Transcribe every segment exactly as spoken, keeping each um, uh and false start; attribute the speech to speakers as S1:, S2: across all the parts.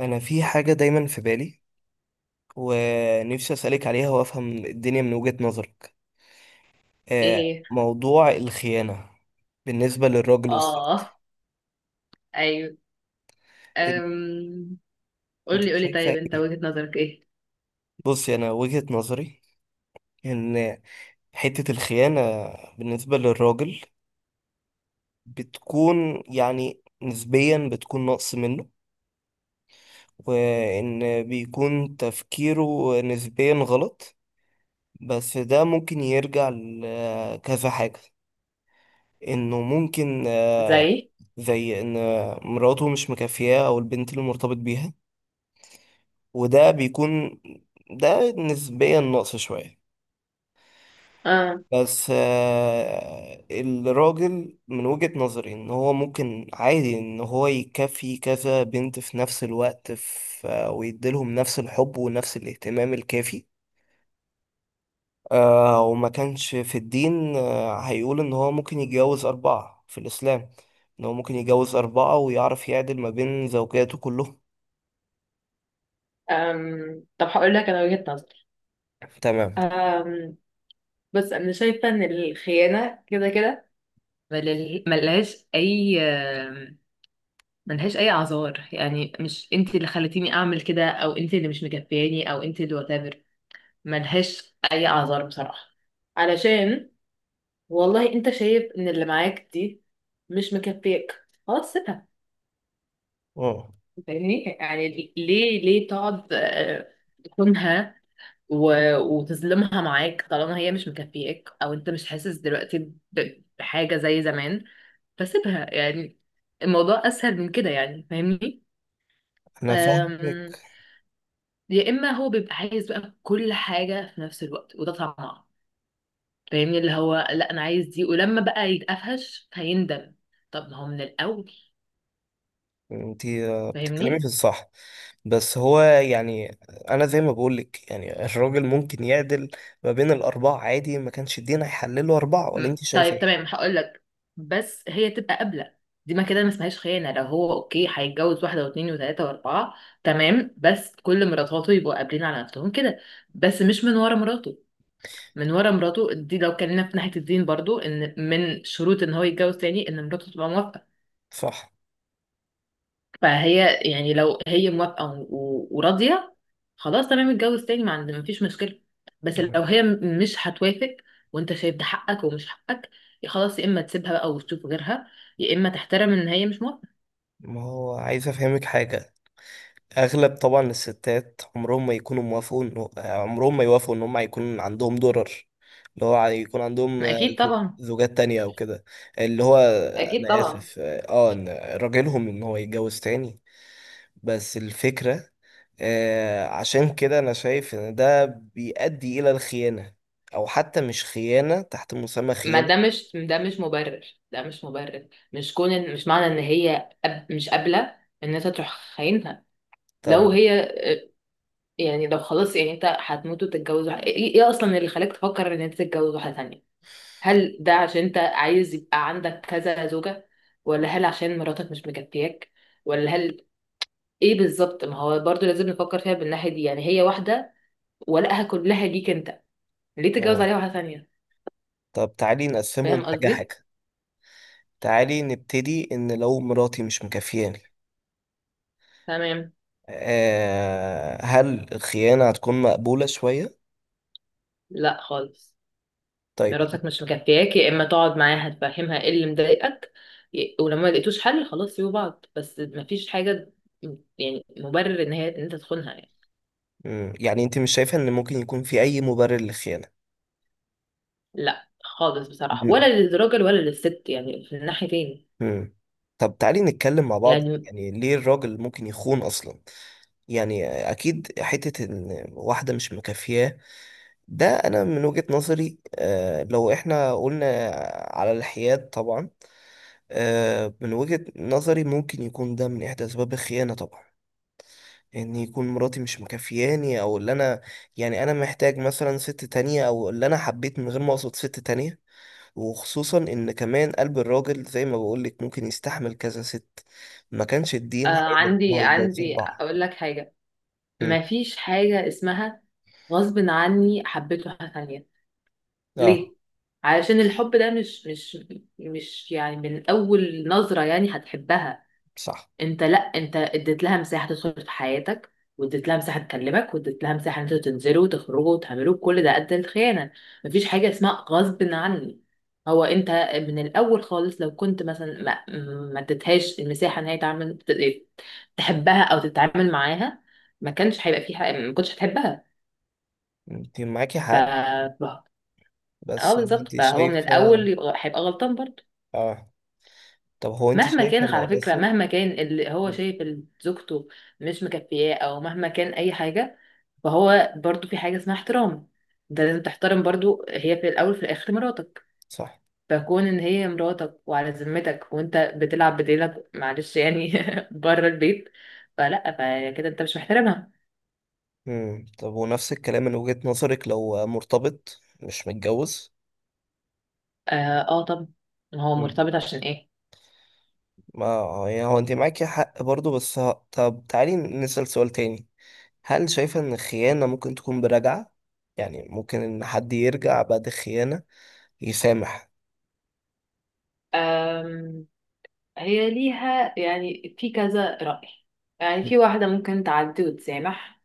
S1: انا في حاجه دايما في بالي ونفسي اسالك عليها وافهم الدنيا من وجهه نظرك.
S2: ايه
S1: آه،
S2: هي؟
S1: موضوع الخيانه بالنسبه للراجل والست.
S2: اه، ايوه.
S1: انت
S2: أم...
S1: إنت
S2: قولي قولي.
S1: شايفه
S2: طيب انت
S1: ايه؟
S2: وجهة نظرك ايه؟
S1: بصي، انا وجهه نظري ان حته الخيانه بالنسبه للراجل بتكون، يعني، نسبيا بتكون نقص منه، وان بيكون تفكيره نسبيا غلط. بس ده ممكن يرجع لكذا حاجه. انه ممكن، آه،
S2: زي
S1: زي ان مراته مش مكافياه او البنت اللي مرتبط بيها. وده بيكون ده نسبيا نقص شوية.
S2: آه.
S1: بس آه، الراجل من وجهة نظري ان هو ممكن عادي ان هو يكفي كذا بنت في نفس الوقت، في آه، ويديلهم نفس الحب ونفس الاهتمام الكافي. آه، وما كانش في الدين، آه، هيقول ان هو ممكن يتجوز اربعة في الاسلام. ان هو ممكن يتجوز اربعة ويعرف يعدل ما بين زوجاته كلهم.
S2: أم. طب هقول لك انا وجهة نظري.
S1: تمام.
S2: أم. بس انا شايفة ان الخيانة كده كده ملل- ملهاش اي آم، ملهاش اي اعذار، يعني مش انت اللي خلتيني اعمل كده او انت اللي مش مكفياني او انت اللي واتافر. ملهاش اي اعذار بصراحة، علشان والله انت شايف ان اللي معاك دي مش مكفيك، خلاص سيبها،
S1: اه،
S2: فاهمني يعني. ليه ليه تقعد آه، تخونها و- وتظلمها معاك طالما هي مش مكفياك او انت مش حاسس دلوقتي ب- بحاجة زي زمان؟ فسيبها يعني، الموضوع اسهل من كده يعني، فاهمني.
S1: انا
S2: أم،
S1: فاهمك.
S2: يا اما هو بيبقى عايز بقى كل حاجة في نفس الوقت وده طمع، فاهمني، اللي هو لا انا عايز دي، ولما بقى يتقفش هيندم. طب ما هو من الاول
S1: انت بتتكلمي في
S2: فاهمني.
S1: الصح، بس هو يعني انا زي ما بقولك، يعني الراجل ممكن يعدل ما بين الاربعه عادي. ما كانش الدين هيحلله اربعه؟ ولا
S2: مم.
S1: انت شايفه
S2: طيب
S1: ايه؟
S2: تمام هقول لك، بس هي تبقى قابلة. دي ما كده ما اسمهاش خيانة، لو هو اوكي هيتجوز واحدة واثنين وثلاثة واربعة تمام، بس كل مراتاته يبقوا قابلين على نفسهم كده، بس مش من ورا مراته. من ورا مراته دي، لو كلمنا في ناحية الدين برضو، ان من شروط ان هو يتجوز تاني ان مراته تبقى موافقة.
S1: صح.
S2: فهي يعني لو هي موافقة و- و- وراضية، خلاص تمام اتجوز تاني، ما عندي ما فيش مشكلة. بس
S1: مم.
S2: لو هي م- مش هتوافق وانت شايف ده حقك ومش حقك، يا خلاص يا اما تسيبها بقى وتشوف غيرها، يا اما تحترم ان هي مش موافقة.
S1: ما هو عايز افهمك حاجه. اغلب طبعا الستات عمرهم ما يكونوا موافقوا إنه- عمرهم ما يوافقوا ان هم هيكون عندهم درر، اللي هو يكون عندهم،
S2: ما
S1: آه،
S2: اكيد
S1: زو-
S2: طبعا.
S1: زوجات تانية او كده. اللي هو
S2: اكيد
S1: انا
S2: طبعا.
S1: اسف، اه آه، ان راجلهم ان هو يتجوز تاني. بس الفكرة، آه عشان كده أنا شايف إن ده بيؤدي إلى الخيانة، أو حتى مش خيانة تحت مسمى
S2: ما ده
S1: خيانة.
S2: مش، ده مش مبرر، ده مش مبرر، مش كون إن- مش معنى ان هي أب مش قابلة ان انت تروح خاينها.
S1: طب
S2: لو هي آه، يعني لو خلاص، يعني انت هتموت وتتجوز واحد- ايه، إيه اصلا اللي خلاك تفكر ان انت تتجوز واحدة تانية؟ هل ده عشان انت عايز يبقى عندك كذا زوجة؟ ولا هل عشان مراتك مش مكفياك؟ ولا هل ايه بالظبط؟ ما هو برضو لازم نفكر فيها بالناحية دي يعني. هي واحدة ولقها كلها ليك انت، ليه تتجوز
S1: آه.
S2: عليها واحدة ثانية؟
S1: طب تعالي نقسمهم
S2: فاهم
S1: حاجة
S2: قصدي؟
S1: حاجة. تعالي نبتدي إن لو مراتي مش مكافياني،
S2: تمام.
S1: آه هل الخيانة هتكون مقبولة شوية؟
S2: لا خالص.
S1: طيب.
S2: مراتك مش مكفياك، يا اما تقعد معاها تفهمها ايه اللي مضايقك، ي- ولما ما لقيتوش حل خلاص سيبوا بعض، بس مفيش حاجة م- يعني مبرر ان هي ان انت تخونها يعني.
S1: مم. يعني أنت مش شايفة إن ممكن يكون في أي مبرر للخيانة؟
S2: لا خالص بصراحة،
S1: مم.
S2: ولا للراجل ولا للست يعني، في الناحيتين.
S1: مم. طب تعالي نتكلم مع بعض
S2: يعني
S1: يعني ليه الراجل ممكن يخون أصلا؟ يعني اكيد حته ان واحده مش مكافياه. ده انا من وجهه نظري، آه، لو احنا قلنا على الحياد طبعا، آه، من وجهه نظري ممكن يكون ده من احدى اسباب الخيانه طبعا. ان يكون مراتي مش مكافياني، او اللي انا يعني انا محتاج مثلا ست تانية، او اللي انا حبيت من غير ما اقصد ست تانية. وخصوصا ان كمان قلب الراجل زي ما بقولك ممكن يستحمل كذا ست، ما كانش الدين
S2: آه،
S1: هيقدر ان
S2: عندي
S1: هو يتجوز
S2: عندي
S1: اربعة.
S2: اقول لك حاجه.
S1: مم.
S2: مفيش حاجه اسمها غصب عني حبيته حاجه ثانيه.
S1: اه.
S2: ليه؟ علشان الحب ده مش مش مش يعني من اول نظره يعني هتحبها.
S1: صح.
S2: انت، لا انت اديت لها مساحه تدخل في حياتك، واديت لها مساحه تكلمك، واديت لها مساحه ان انتوا تنزلوا وتخرجوا وتعملوا كل ده قد الخيانه. مفيش حاجه اسمها غصب عني. هو انت من الاول خالص لو كنت مثلا ما ما اديتهاش المساحه ان هي تعمل تحبها او تتعامل معاها، ما كانش هيبقى في حاجة، ما كنتش هتحبها.
S1: انت معاكي
S2: ف
S1: حق.
S2: ف- اه
S1: بس هو
S2: بالظبط،
S1: انت
S2: فهو من
S1: شايفة
S2: الاول يبقى هيبقى غلطان برضه.
S1: اه طب، هو انت
S2: مهما كان
S1: شايفة،
S2: على
S1: انا
S2: فكره،
S1: اسف.
S2: مهما كان اللي هو شايف إن زوجته مش مكفياه، او مهما كان اي حاجه، فهو برضو في حاجة اسمها احترام. ده لازم تحترم برضو، هي في الأول في الآخر مراتك.
S1: صح.
S2: فكون إن هي مراتك وعلى ذمتك وأنت بتلعب بديلك، معلش يعني بره البيت، فلا، فكده أنت مش محترمها.
S1: مم. طب ونفس الكلام من وجهة نظرك لو مرتبط مش متجوز.
S2: آه, آه. طب هو
S1: مم.
S2: مرتبط عشان إيه؟
S1: ما آه، يعني هو انت معاكي حق برضو، بس ه... طب تعالي نسأل سؤال تاني. هل شايفة ان الخيانة ممكن تكون برجعة؟ يعني ممكن ان حد يرجع بعد الخيانة، يسامح؟
S2: آم، هي ليها يعني في كذا رأي. يعني في واحدة ممكن تعدي وتسامح،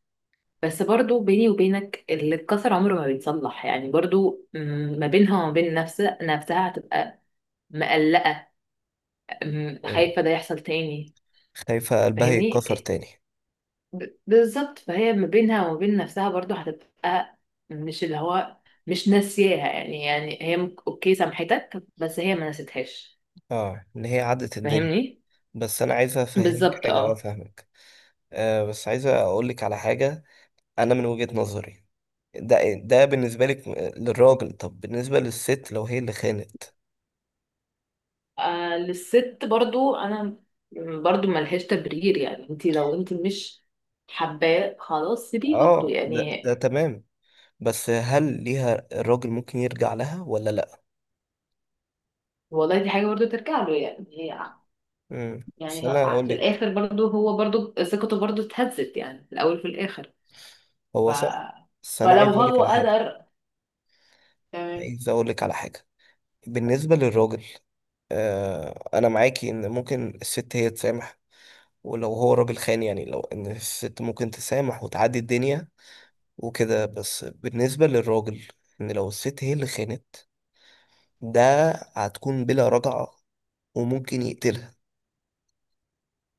S2: بس برضو بيني وبينك اللي اتكسر عمره ما بيتصلح يعني برضو م، ما بينها وما بين نفسها نفسها هتبقى مقلقة، أم،
S1: مم.
S2: خايفة ده يحصل تاني.
S1: خايفة قلبها
S2: فاهمني،
S1: يتكسر تاني؟
S2: ب- بالظبط. فهي ما بينها وما بين نفسها برضو هتبقى مش اللي هو مش ناسياها يعني. يعني هي ممكن- اوكي سامحتك، بس هي ما نسيتهاش.
S1: اه، ان هي عدت الدنيا.
S2: فاهمني،
S1: بس انا عايزة افهمك
S2: بالظبط
S1: حاجة. اه،
S2: اه.
S1: فاهمك. آه بس عايزة اقولك على حاجة. انا من وجهة نظري، ده ده بالنسبة لك، آه، للراجل. طب بالنسبة للست لو هي اللي خانت.
S2: آه، للست برضو انا برضو ملهاش تبرير يعني. انت لو انت مش حباه، خلاص سيبيه برضو
S1: اه، ده
S2: يعني.
S1: ده تمام. بس هل ليها الراجل ممكن يرجع لها ولا لا؟
S2: والله دي حاجة برضو ترجع له يعني. هي
S1: امم بس
S2: يعني
S1: انا
S2: ه-
S1: اقول
S2: في
S1: لك.
S2: الاخر برضو هو برضو ثقته برضو اتهزت يعني في الاول وفي الاخر. ف...
S1: هو صح، بس انا
S2: فلو
S1: عايز اقول لك
S2: هو
S1: على حاجة.
S2: قدر تمام.
S1: عايز اقول لك على حاجة بالنسبة للراجل، آه انا معاكي ان ممكن الست هي تسامح ولو هو راجل خان. يعني لو ان الست ممكن تسامح وتعدي الدنيا وكده. بس بالنسبة للراجل، ان لو الست هي اللي خانت، ده هتكون بلا رجعة وممكن يقتلها.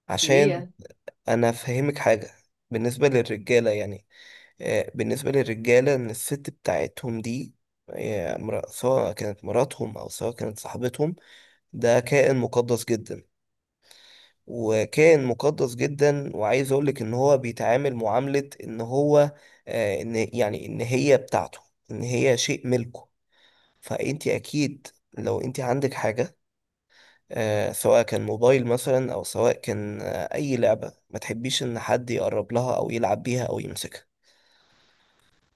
S1: عشان
S2: ليه؟
S1: انا افهمك حاجة. بالنسبة للرجالة، يعني، آه، بالنسبة للرجالة ان الست بتاعتهم دي، آه، امرأة- سواء كانت مراتهم او سواء كانت صاحبتهم. ده كائن مقدس جدا وكان مقدس جدا. وعايز اقول لك ان هو بيتعامل معاملة ان هو، آه، ان، يعني، ان هي بتاعته، ان هي شيء ملكه. فانت اكيد لو انت عندك حاجة، آه، سواء كان موبايل مثلا او سواء كان، آه، اي لعبة ما تحبيش ان حد يقرب لها او يلعب بيها او يمسكها.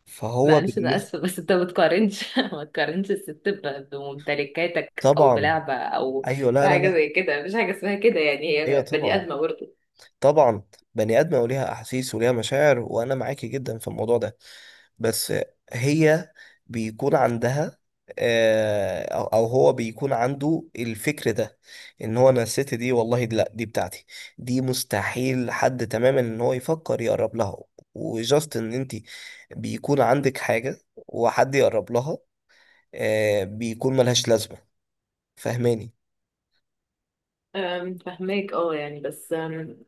S1: فهو
S2: معلش انا
S1: بالنسبة
S2: اسفه، بس انت ما تقارنش ما تقارنش الست ب- بممتلكاتك او
S1: طبعا.
S2: بلعبه او
S1: ايوه. لا، لا،
S2: بحاجه
S1: لا.
S2: زي كده. مفيش حاجه اسمها كده يعني،
S1: ايوه،
S2: هي بني
S1: طبعا.
S2: ادمه برضه.
S1: طبعا، بني ادم وليها احاسيس وليها مشاعر، وانا معاكي جدا في الموضوع ده. بس هي بيكون عندها آه، او أو هو بيكون عنده الفكر ده. ان هو، انا الست دي والله، دي، لا، دي بتاعتي. دي مستحيل حد تماما ان هو يفكر يقرب لها. وجاست ان انت بيكون عندك حاجة وحد يقرب لها، آه، بيكون ملهاش لازمة. فاهماني؟
S2: أم، فهماك اه يعني، بس أم،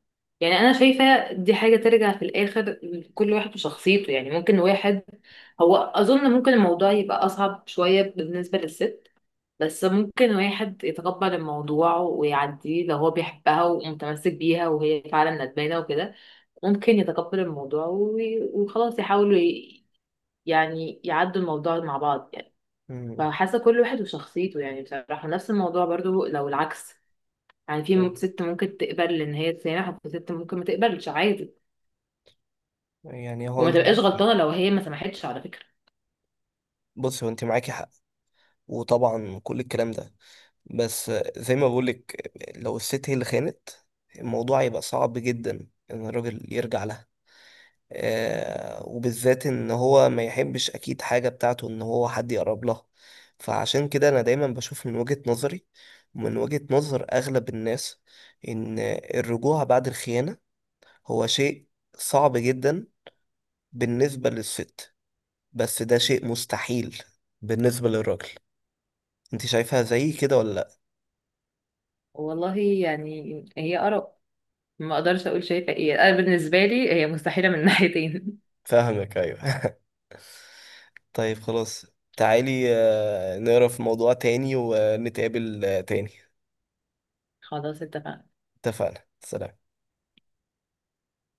S2: يعني انا شايفه دي حاجه ترجع في الاخر لكل واحد وشخصيته. يعني ممكن واحد، هو اظن ممكن الموضوع يبقى اصعب شويه بالنسبه للست، بس ممكن واحد يتقبل الموضوع ويعديه لو هو بيحبها ومتمسك بيها وهي فعلا ندمانة وكده، ممكن يتقبل الموضوع وي- وخلاص يحاولوا ي- يعني يعدوا الموضوع مع بعض يعني.
S1: مم.
S2: فحاسة كل واحد وشخصيته يعني بصراحة. نفس الموضوع برضو لو العكس، يعني في م- ست ممكن تقبل ان هي تسامح، وفي ست ممكن ما تقبلش عادي،
S1: يعني هو
S2: وما
S1: انت
S2: تبقاش
S1: معاكي حق.
S2: غلطانة لو هي ما سمحتش على فكرة.
S1: بص، هو انت معاكي حق، وطبعا كل الكلام ده، بس زي ما بقولك لو الست هي اللي خانت، الموضوع يبقى صعب جدا ان الراجل يرجع لها. آه وبالذات ان هو ما يحبش اكيد حاجة بتاعته ان هو حد يقرب لها. فعشان كده انا دايما بشوف من وجهة نظري ومن وجهة نظر اغلب الناس، ان الرجوع بعد الخيانة هو شيء صعب جدا بالنسبة للست، بس ده شيء مستحيل بالنسبة للراجل. انت شايفها زي كده ولا لا؟
S2: والله يعني هي آراء، ما اقدرش اقول شايفة ايه، انا بالنسبة لي هي مستحيلة من ناحيتين.
S1: فاهمك. ايوه. طيب خلاص، تعالي، آه، نقرا في موضوع تاني ونتقابل، آه، تاني.
S2: خلاص اتفقنا.
S1: اتفقنا. سلام.